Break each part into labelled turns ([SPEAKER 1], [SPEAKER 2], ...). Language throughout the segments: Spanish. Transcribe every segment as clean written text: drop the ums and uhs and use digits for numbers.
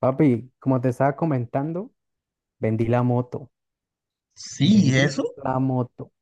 [SPEAKER 1] Papi, como te estaba comentando, vendí la moto,
[SPEAKER 2] Sí,
[SPEAKER 1] vendí
[SPEAKER 2] eso.
[SPEAKER 1] la moto.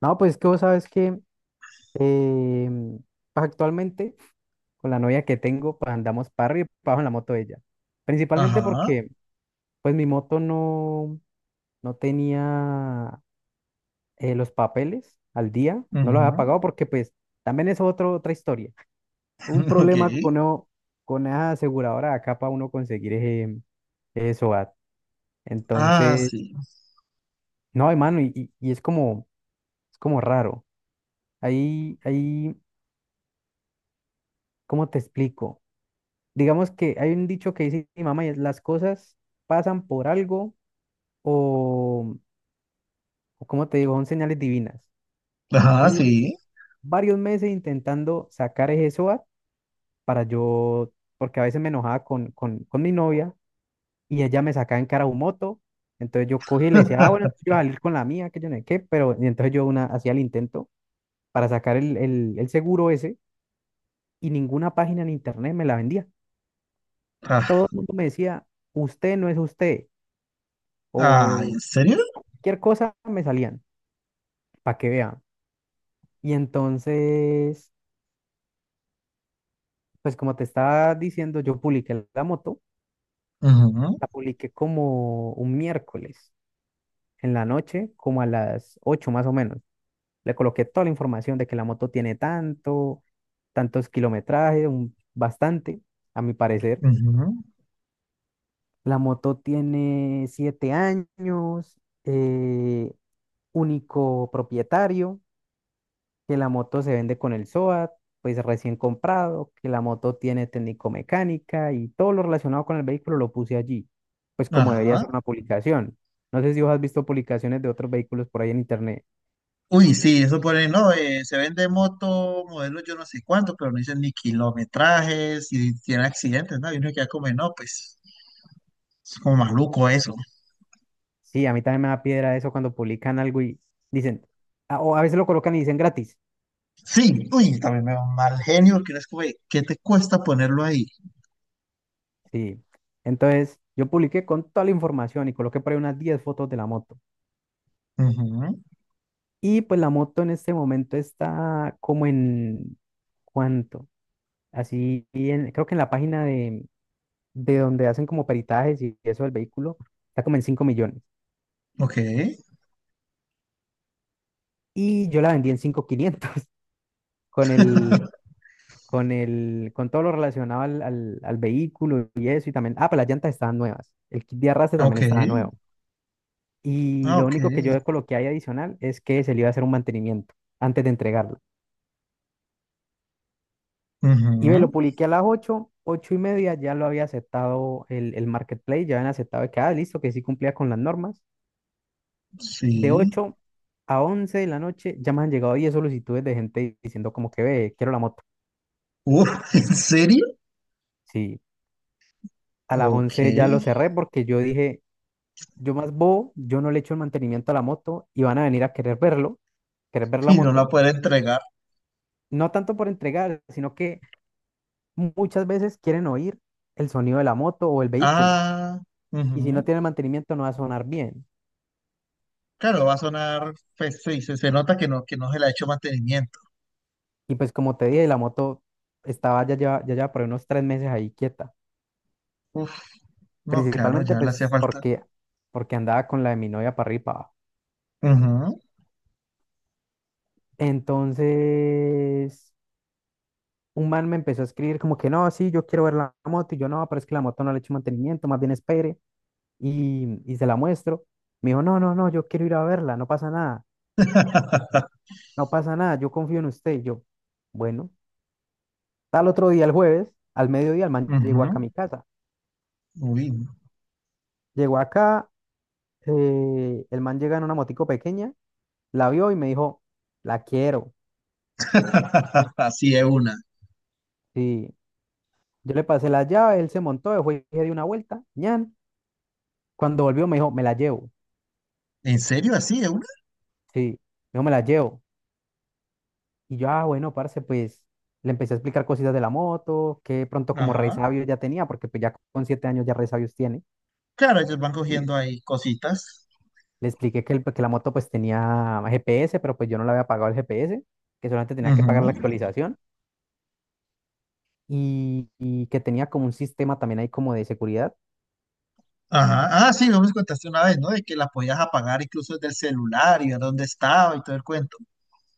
[SPEAKER 1] No, pues que vos sabes que eh, pues actualmente con la novia que tengo, pues andamos para arriba y para abajo en la moto de ella. Principalmente
[SPEAKER 2] Ajá.
[SPEAKER 1] porque pues mi moto no tenía los papeles al día, no los había
[SPEAKER 2] Ujú.
[SPEAKER 1] pagado porque pues también es otra historia. Un
[SPEAKER 2] Ok.
[SPEAKER 1] problema con esa aseguradora de acá para uno conseguir ese SOAT.
[SPEAKER 2] Ah,
[SPEAKER 1] Entonces,
[SPEAKER 2] sí.
[SPEAKER 1] no, hermano, y es como... Es como raro. Ahí, ¿cómo te explico? Digamos que hay un dicho que dice mi mamá y es las cosas pasan por algo o, o ¿cómo te digo? Son señales divinas. Yo
[SPEAKER 2] Ajá,
[SPEAKER 1] ya llevo
[SPEAKER 2] sí.
[SPEAKER 1] varios meses intentando sacar ese SOAT para yo, porque a veces me enojaba con mi novia y ella me sacaba en cara un moto. Entonces yo cogí y le decía, ah, bueno, entonces yo voy a salir con la mía, que yo no sé qué, pero y entonces hacía el intento para sacar el seguro ese y ninguna página en internet me la vendía.
[SPEAKER 2] Ah,
[SPEAKER 1] Todo el mundo me decía, usted no es usted,
[SPEAKER 2] ah,
[SPEAKER 1] o
[SPEAKER 2] ¿en serio?
[SPEAKER 1] cualquier cosa me salían, para que vean. Y entonces, pues como te estaba diciendo, yo publiqué la moto,
[SPEAKER 2] Ujú,
[SPEAKER 1] la publiqué como un miércoles en la noche, como a las 8 más o menos. Le coloqué toda la información de que la moto tiene tanto, tantos kilometrajes, bastante, a mi parecer.
[SPEAKER 2] ujú.
[SPEAKER 1] La moto tiene siete años, eh, único propietario, que la moto se vende con el SOAT, pues recién comprado, que la moto tiene técnico-mecánica y todo lo relacionado con el vehículo lo puse allí, pues como debería
[SPEAKER 2] Ajá.
[SPEAKER 1] ser una publicación. No sé si vos has visto publicaciones de otros vehículos por ahí en internet.
[SPEAKER 2] Uy, sí, eso pone. No, se vende moto, modelo yo no sé cuánto, pero no dicen ni kilometrajes, y tiene accidentes, ¿no? Y uno queda como, no, pues, es como maluco eso.
[SPEAKER 1] Sí, a mí también me da piedra eso cuando publican algo y dicen, o a veces lo colocan y dicen gratis.
[SPEAKER 2] Sí, uy, también me da un mal genio, porque es como, "Ey, ¿qué te cuesta ponerlo ahí?"
[SPEAKER 1] Sí, entonces yo publiqué con toda la información y coloqué por ahí unas 10 fotos de la moto.
[SPEAKER 2] Ujú.
[SPEAKER 1] Y pues la moto en este momento está como en... ¿Cuánto? Así, en- creo que en la página de donde hacen como peritajes y eso del vehículo, está como en 5 millones.
[SPEAKER 2] Ok,
[SPEAKER 1] Y yo la vendí en 5.500 con el, con el, con todo lo relacionado al, al, al vehículo y eso. Y también, ah, pero las llantas estaban nuevas. El kit de arrastre también
[SPEAKER 2] ok,
[SPEAKER 1] estaba nuevo. Y
[SPEAKER 2] ah,
[SPEAKER 1] lo
[SPEAKER 2] ok.
[SPEAKER 1] único que yo coloqué ahí adicional es que se le iba a hacer un mantenimiento antes de entregarlo. Y me
[SPEAKER 2] Ujú.
[SPEAKER 1] lo publiqué a las ocho y media, ya lo había aceptado el marketplace, ya habían aceptado que, ah, listo, que sí cumplía con las normas. De
[SPEAKER 2] Sí.
[SPEAKER 1] 8 a 11 de la noche ya me han llegado 10 solicitudes de gente diciendo como que ve, quiero la moto.
[SPEAKER 2] Uf, ¿en serio?
[SPEAKER 1] Sí, a las
[SPEAKER 2] Ok.
[SPEAKER 1] 11 ya lo cerré porque yo dije, yo más bobo, yo no le echo el mantenimiento a la moto y van a venir a querer verlo, querer ver la
[SPEAKER 2] Y no la
[SPEAKER 1] moto.
[SPEAKER 2] puede entregar.
[SPEAKER 1] No tanto por entregar, sino que muchas veces quieren oír el sonido de la moto o el vehículo.
[SPEAKER 2] Ah,
[SPEAKER 1] Y si no
[SPEAKER 2] ujú.
[SPEAKER 1] tiene mantenimiento no va a sonar bien.
[SPEAKER 2] Claro, va a sonar, pues sí, se nota que no se le ha hecho mantenimiento.
[SPEAKER 1] Y pues como te dije, la moto estaba ya, lleva por ahí unos tres meses ahí quieta.
[SPEAKER 2] Uf, no, claro,
[SPEAKER 1] Principalmente
[SPEAKER 2] ya le hacía
[SPEAKER 1] pues
[SPEAKER 2] falta.
[SPEAKER 1] porque andaba con la de mi novia para arriba.
[SPEAKER 2] Ujú,
[SPEAKER 1] Entonces, un man me empezó a escribir como que no, sí, yo quiero ver la moto. Y yo no, pero es que la moto no le he hecho mantenimiento, más bien espere. Y se la muestro. Me dijo, no, no, no, yo quiero ir a verla, no pasa nada, no pasa nada, yo confío en usted. Y yo, bueno, tal otro día, el jueves, al mediodía, el man llegó
[SPEAKER 2] ujú.
[SPEAKER 1] acá a mi casa.
[SPEAKER 2] Uy,
[SPEAKER 1] Llegó acá, el man llega en una motico pequeña, la vio y me dijo, la quiero.
[SPEAKER 2] así es una.
[SPEAKER 1] Sí, yo le pasé la llave, él se montó, yo fui di una vuelta, ñan. Cuando volvió me dijo, me la llevo.
[SPEAKER 2] ¿En serio? ¿Así es una?
[SPEAKER 1] Sí, me dijo, me la llevo. Y yo, ah, bueno, parce, pues le empecé a explicar cositas de la moto, que de pronto como
[SPEAKER 2] Ajá.
[SPEAKER 1] resabios ya tenía, porque pues ya con siete años ya resabios tiene.
[SPEAKER 2] Claro, ellos van
[SPEAKER 1] Mm.
[SPEAKER 2] cogiendo ahí cositas.
[SPEAKER 1] Le expliqué que, que la moto pues tenía GPS, pero pues yo no le había pagado el GPS, que solamente tenía que pagar la
[SPEAKER 2] Ujú.
[SPEAKER 1] actualización y que tenía como un sistema también ahí como de seguridad.
[SPEAKER 2] Ajá. Ah, sí, vos me contaste una vez, ¿no? De que la podías apagar incluso desde el celular y ver dónde estaba y todo el cuento.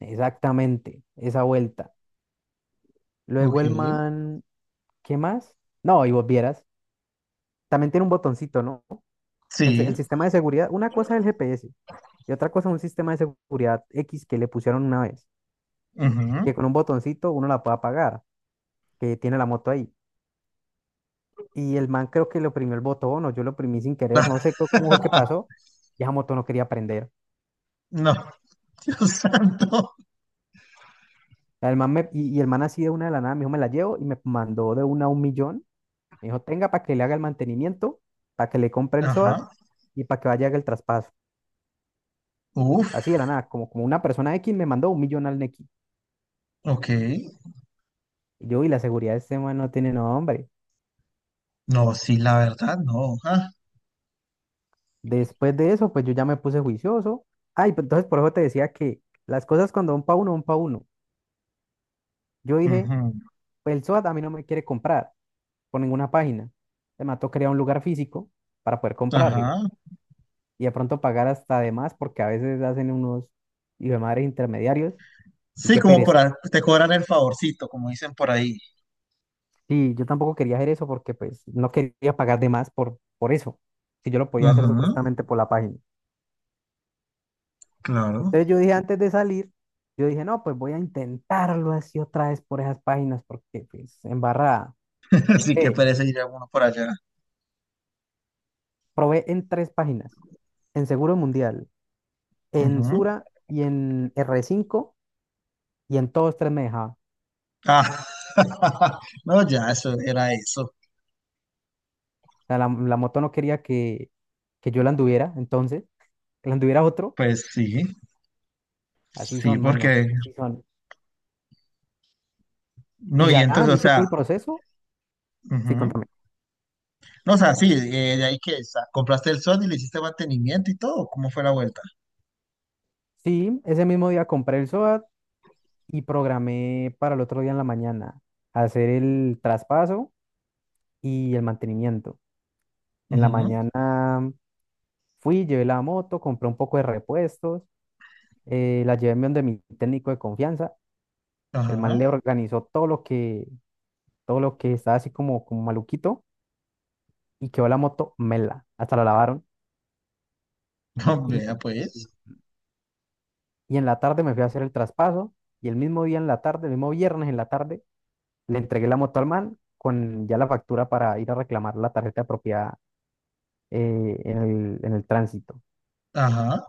[SPEAKER 1] Exactamente, esa vuelta.
[SPEAKER 2] Ok.
[SPEAKER 1] Luego el man, ¿qué más? No, y vos vieras. También tiene un botoncito, ¿no? El
[SPEAKER 2] Sí.
[SPEAKER 1] sistema de seguridad, una cosa es el GPS y otra cosa es un sistema de seguridad X que le pusieron una vez, que
[SPEAKER 2] Ujú.
[SPEAKER 1] con un botoncito uno la puede apagar, que tiene la moto ahí. Y el man creo que le oprimió el botón o yo lo oprimí sin querer, no
[SPEAKER 2] Ah,
[SPEAKER 1] sé cómo fue que pasó, y esa moto no quería prender.
[SPEAKER 2] no, Dios santo.
[SPEAKER 1] El man y el man así de una de la nada me dijo, me la llevo y me mandó de una a un millón. Me dijo, tenga para que le haga el mantenimiento, para que le compre el
[SPEAKER 2] Ajá.
[SPEAKER 1] SOAT y para que vaya a haga el traspaso.
[SPEAKER 2] Uf,
[SPEAKER 1] Así de la nada, como, como una persona X me mandó un millón al Nequi.
[SPEAKER 2] ok.
[SPEAKER 1] Yo, y la seguridad de este man no tiene nombre.
[SPEAKER 2] No, sí, la verdad, no. Ah,
[SPEAKER 1] Después de eso, pues yo ya me puse juicioso. Ay, pues entonces por eso te decía que las cosas cuando van pa' uno, van pa' uno. Yo dije,
[SPEAKER 2] ujú.
[SPEAKER 1] pues el SOAT a mí no me quiere comprar por ninguna página. Me mató, quería un lugar físico para poder comprarlo.
[SPEAKER 2] Ajá.
[SPEAKER 1] Y de pronto pagar hasta de más porque a veces hacen unos hijo de madre intermediarios. Y
[SPEAKER 2] Sí,
[SPEAKER 1] qué
[SPEAKER 2] como
[SPEAKER 1] pereza.
[SPEAKER 2] te cobran el favorcito, como dicen por ahí.
[SPEAKER 1] Sí, yo tampoco quería hacer eso porque pues no quería pagar de más por eso. Si yo lo podía hacer
[SPEAKER 2] Ujú,
[SPEAKER 1] supuestamente por la página.
[SPEAKER 2] claro.
[SPEAKER 1] Entonces yo dije antes de salir, yo dije, no, pues voy a intentarlo así otra vez por esas páginas, porque pues embarrada.
[SPEAKER 2] Así que
[SPEAKER 1] Eh,
[SPEAKER 2] parece ir alguno por allá.
[SPEAKER 1] probé en tres páginas, en Seguro Mundial, en
[SPEAKER 2] Ujú.
[SPEAKER 1] Sura y en r cinco y en todos tres me dejaba. O
[SPEAKER 2] Ah, no, ya, eso era eso.
[SPEAKER 1] sea, la moto no quería que yo la anduviera, entonces, que la anduviera otro.
[SPEAKER 2] Pues sí,
[SPEAKER 1] Así
[SPEAKER 2] sí,
[SPEAKER 1] son, mano,
[SPEAKER 2] porque.
[SPEAKER 1] así son. Y
[SPEAKER 2] No, y
[SPEAKER 1] ya ah,
[SPEAKER 2] entonces, o
[SPEAKER 1] me hice
[SPEAKER 2] sea,
[SPEAKER 1] todo el proceso. Sí,
[SPEAKER 2] ujú.
[SPEAKER 1] contame.
[SPEAKER 2] No, o sea, sí, de ahí que compraste el sol y le hiciste mantenimiento y todo. ¿Cómo fue la vuelta?
[SPEAKER 1] Sí, ese mismo día compré el SOAT y programé para el otro día en la mañana hacer el traspaso y el mantenimiento. En la
[SPEAKER 2] Ujú.
[SPEAKER 1] mañana fui, llevé la moto, compré un poco de repuestos, la llevé donde mi técnico de confianza. El
[SPEAKER 2] Ajá,
[SPEAKER 1] man le organizó todo lo que estaba así como, como maluquito y quedó la moto mela, hasta la lavaron.
[SPEAKER 2] no,
[SPEAKER 1] Y,
[SPEAKER 2] vea pues,
[SPEAKER 1] y en la tarde me fui a hacer el traspaso y el mismo día en la tarde, el mismo viernes en la tarde, le entregué la moto al man con ya la factura para ir a reclamar la tarjeta de propiedad en en el tránsito.
[SPEAKER 2] ajá,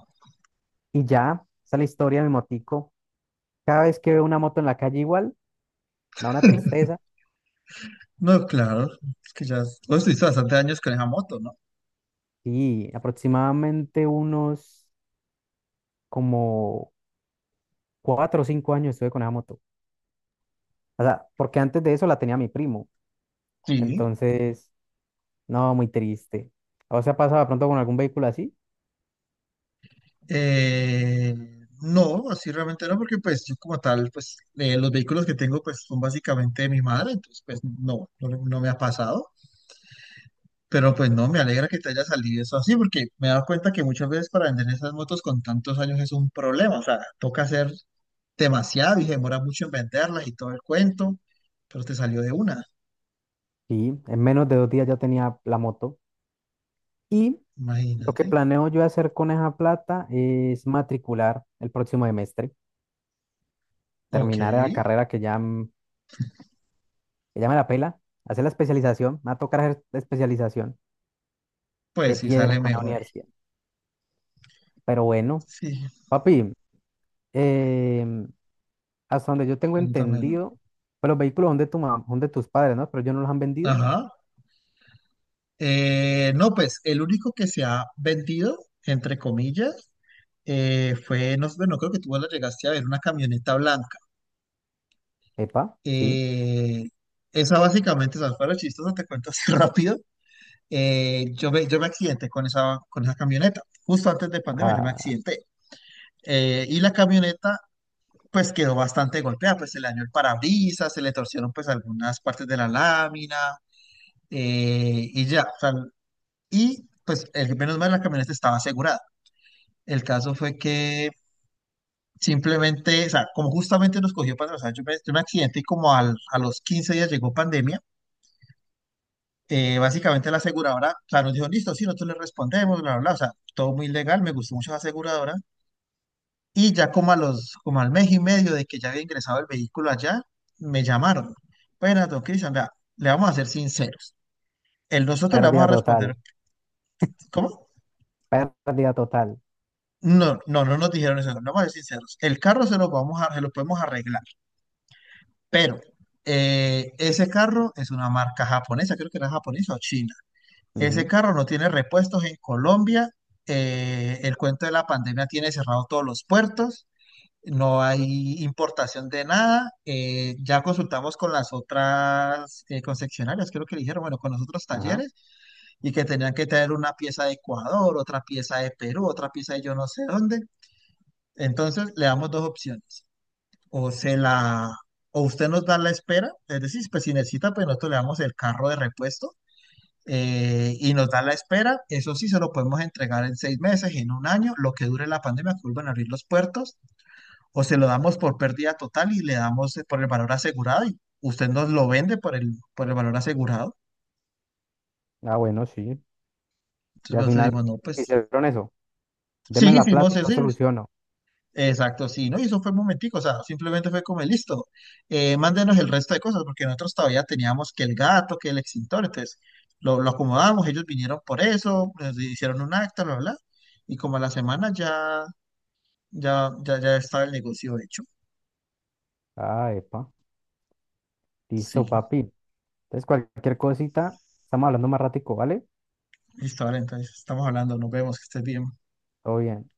[SPEAKER 1] Y ya, esa es la historia de mi motico. Cada vez que veo una moto en la calle igual, me da una tristeza.
[SPEAKER 2] no, claro, es que ya vos estuviste bastante años con esa moto, ¿no?
[SPEAKER 1] Y aproximadamente unos como cuatro o cinco años estuve con esa moto. O sea, porque antes de eso la tenía mi primo.
[SPEAKER 2] Sí.
[SPEAKER 1] Entonces, no, muy triste. ¿O se ha pasado de pronto con algún vehículo así?
[SPEAKER 2] Eh, no, así realmente no, porque pues yo como tal, pues los vehículos que tengo pues son básicamente de mi madre, entonces pues no, no, no me ha pasado, pero pues no, me alegra que te haya salido eso así, porque me he dado cuenta que muchas veces para vender esas motos con tantos años es un problema, o sea, toca hacer demasiado y se demora mucho en venderlas y todo el cuento, pero te salió de una,
[SPEAKER 1] Y en menos de dos días ya tenía la moto. Y lo
[SPEAKER 2] imagínate.
[SPEAKER 1] que planeo yo hacer con esa plata es matricular el próximo semestre,
[SPEAKER 2] Ok,
[SPEAKER 1] terminar la carrera que ya, que ya me la pela, hacer la especialización, me va a tocar hacer especialización. Qué
[SPEAKER 2] pues sí
[SPEAKER 1] piedra
[SPEAKER 2] sale
[SPEAKER 1] con la
[SPEAKER 2] mejor.
[SPEAKER 1] universidad. Pero bueno,
[SPEAKER 2] Sí,
[SPEAKER 1] papi, em, hasta donde yo tengo
[SPEAKER 2] póntamelo.
[SPEAKER 1] entendido, pues los vehículos son de tu son de tus padres, ¿no? Pero ellos no los han vendido.
[SPEAKER 2] Ajá. No, pues el único que se ha vendido, entre comillas, fue, no, sé, bueno, creo que tú la llegaste a ver, una camioneta blanca.
[SPEAKER 1] Epa, sí.
[SPEAKER 2] Eh, Esa básicamente, esas fueron chistosa. Te cuento así rápido. Yo me accidenté con esa camioneta. Justo antes de pandemia yo me
[SPEAKER 1] Ah,
[SPEAKER 2] accidenté. Y la camioneta, pues quedó bastante golpeada, pues se le dañó el parabrisas, se le torcieron pues algunas partes de la lámina, y ya, o sea, y pues el, menos mal la camioneta estaba asegurada. El caso fue que simplemente, o sea, como justamente nos cogió para atrás, tuve un accidente y como a los 15 días llegó pandemia. Básicamente la aseguradora, o sea, nos dijo, listo, sí, nosotros le respondemos, bla, bla, bla, o sea, todo muy legal, me gustó mucho la aseguradora. Y ya como a los, como al mes y medio de que ya había ingresado el vehículo allá, me llamaron. Bueno, don Cristian, vea, le vamos a ser sinceros. El nosotros le vamos a
[SPEAKER 1] pérdida
[SPEAKER 2] responder,
[SPEAKER 1] total.
[SPEAKER 2] ¿cómo?
[SPEAKER 1] Pérdida total.
[SPEAKER 2] No, no, no nos dijeron eso, no vamos a ser sinceros. El carro se lo, vamos a, se lo podemos arreglar, pero ese carro es una marca japonesa, creo que era japonesa o china. Ese
[SPEAKER 1] Ujú.
[SPEAKER 2] carro no tiene repuestos en Colombia, el cuento de la pandemia tiene cerrado todos los puertos, no hay importación de nada. Ya consultamos con las otras concesionarias, creo que le dijeron, bueno, con los otros
[SPEAKER 1] Ajá.
[SPEAKER 2] talleres, y que tenían que traer una pieza de Ecuador, otra pieza de Perú, otra pieza de yo no sé dónde. Entonces le damos dos opciones. O se la, o usted nos da la espera, es decir, pues si necesita, pues nosotros le damos el carro de repuesto, y nos da la espera. Eso sí, se lo podemos entregar en 6 meses, en un año, lo que dure la pandemia, que vuelvan a abrir los puertos, o se lo damos por pérdida total y le damos, por el valor asegurado y usted nos lo vende por el valor asegurado.
[SPEAKER 1] Ah, bueno, sí.
[SPEAKER 2] Entonces
[SPEAKER 1] Y al
[SPEAKER 2] nosotros
[SPEAKER 1] final
[SPEAKER 2] dimos, no, pues
[SPEAKER 1] hicieron eso.
[SPEAKER 2] sí,
[SPEAKER 1] Deme la plata
[SPEAKER 2] hicimos
[SPEAKER 1] y yo
[SPEAKER 2] eso,
[SPEAKER 1] soluciono.
[SPEAKER 2] exacto, sí, ¿no? Y eso fue un momentico, o sea, simplemente fue como, listo, mándenos el resto de cosas, porque nosotros todavía teníamos que el gato, que el extintor, entonces lo acomodamos, ellos vinieron por eso, nos hicieron un acta, bla, bla, y como a la semana ya, ya estaba el negocio hecho.
[SPEAKER 1] Ah, epa.
[SPEAKER 2] Sí,
[SPEAKER 1] Listo, papi. Entonces, cualquier cosita, estamos hablando más ratico, ¿vale?
[SPEAKER 2] listo, vale, entonces estamos hablando, nos vemos, que estés bien.
[SPEAKER 1] Todo bien.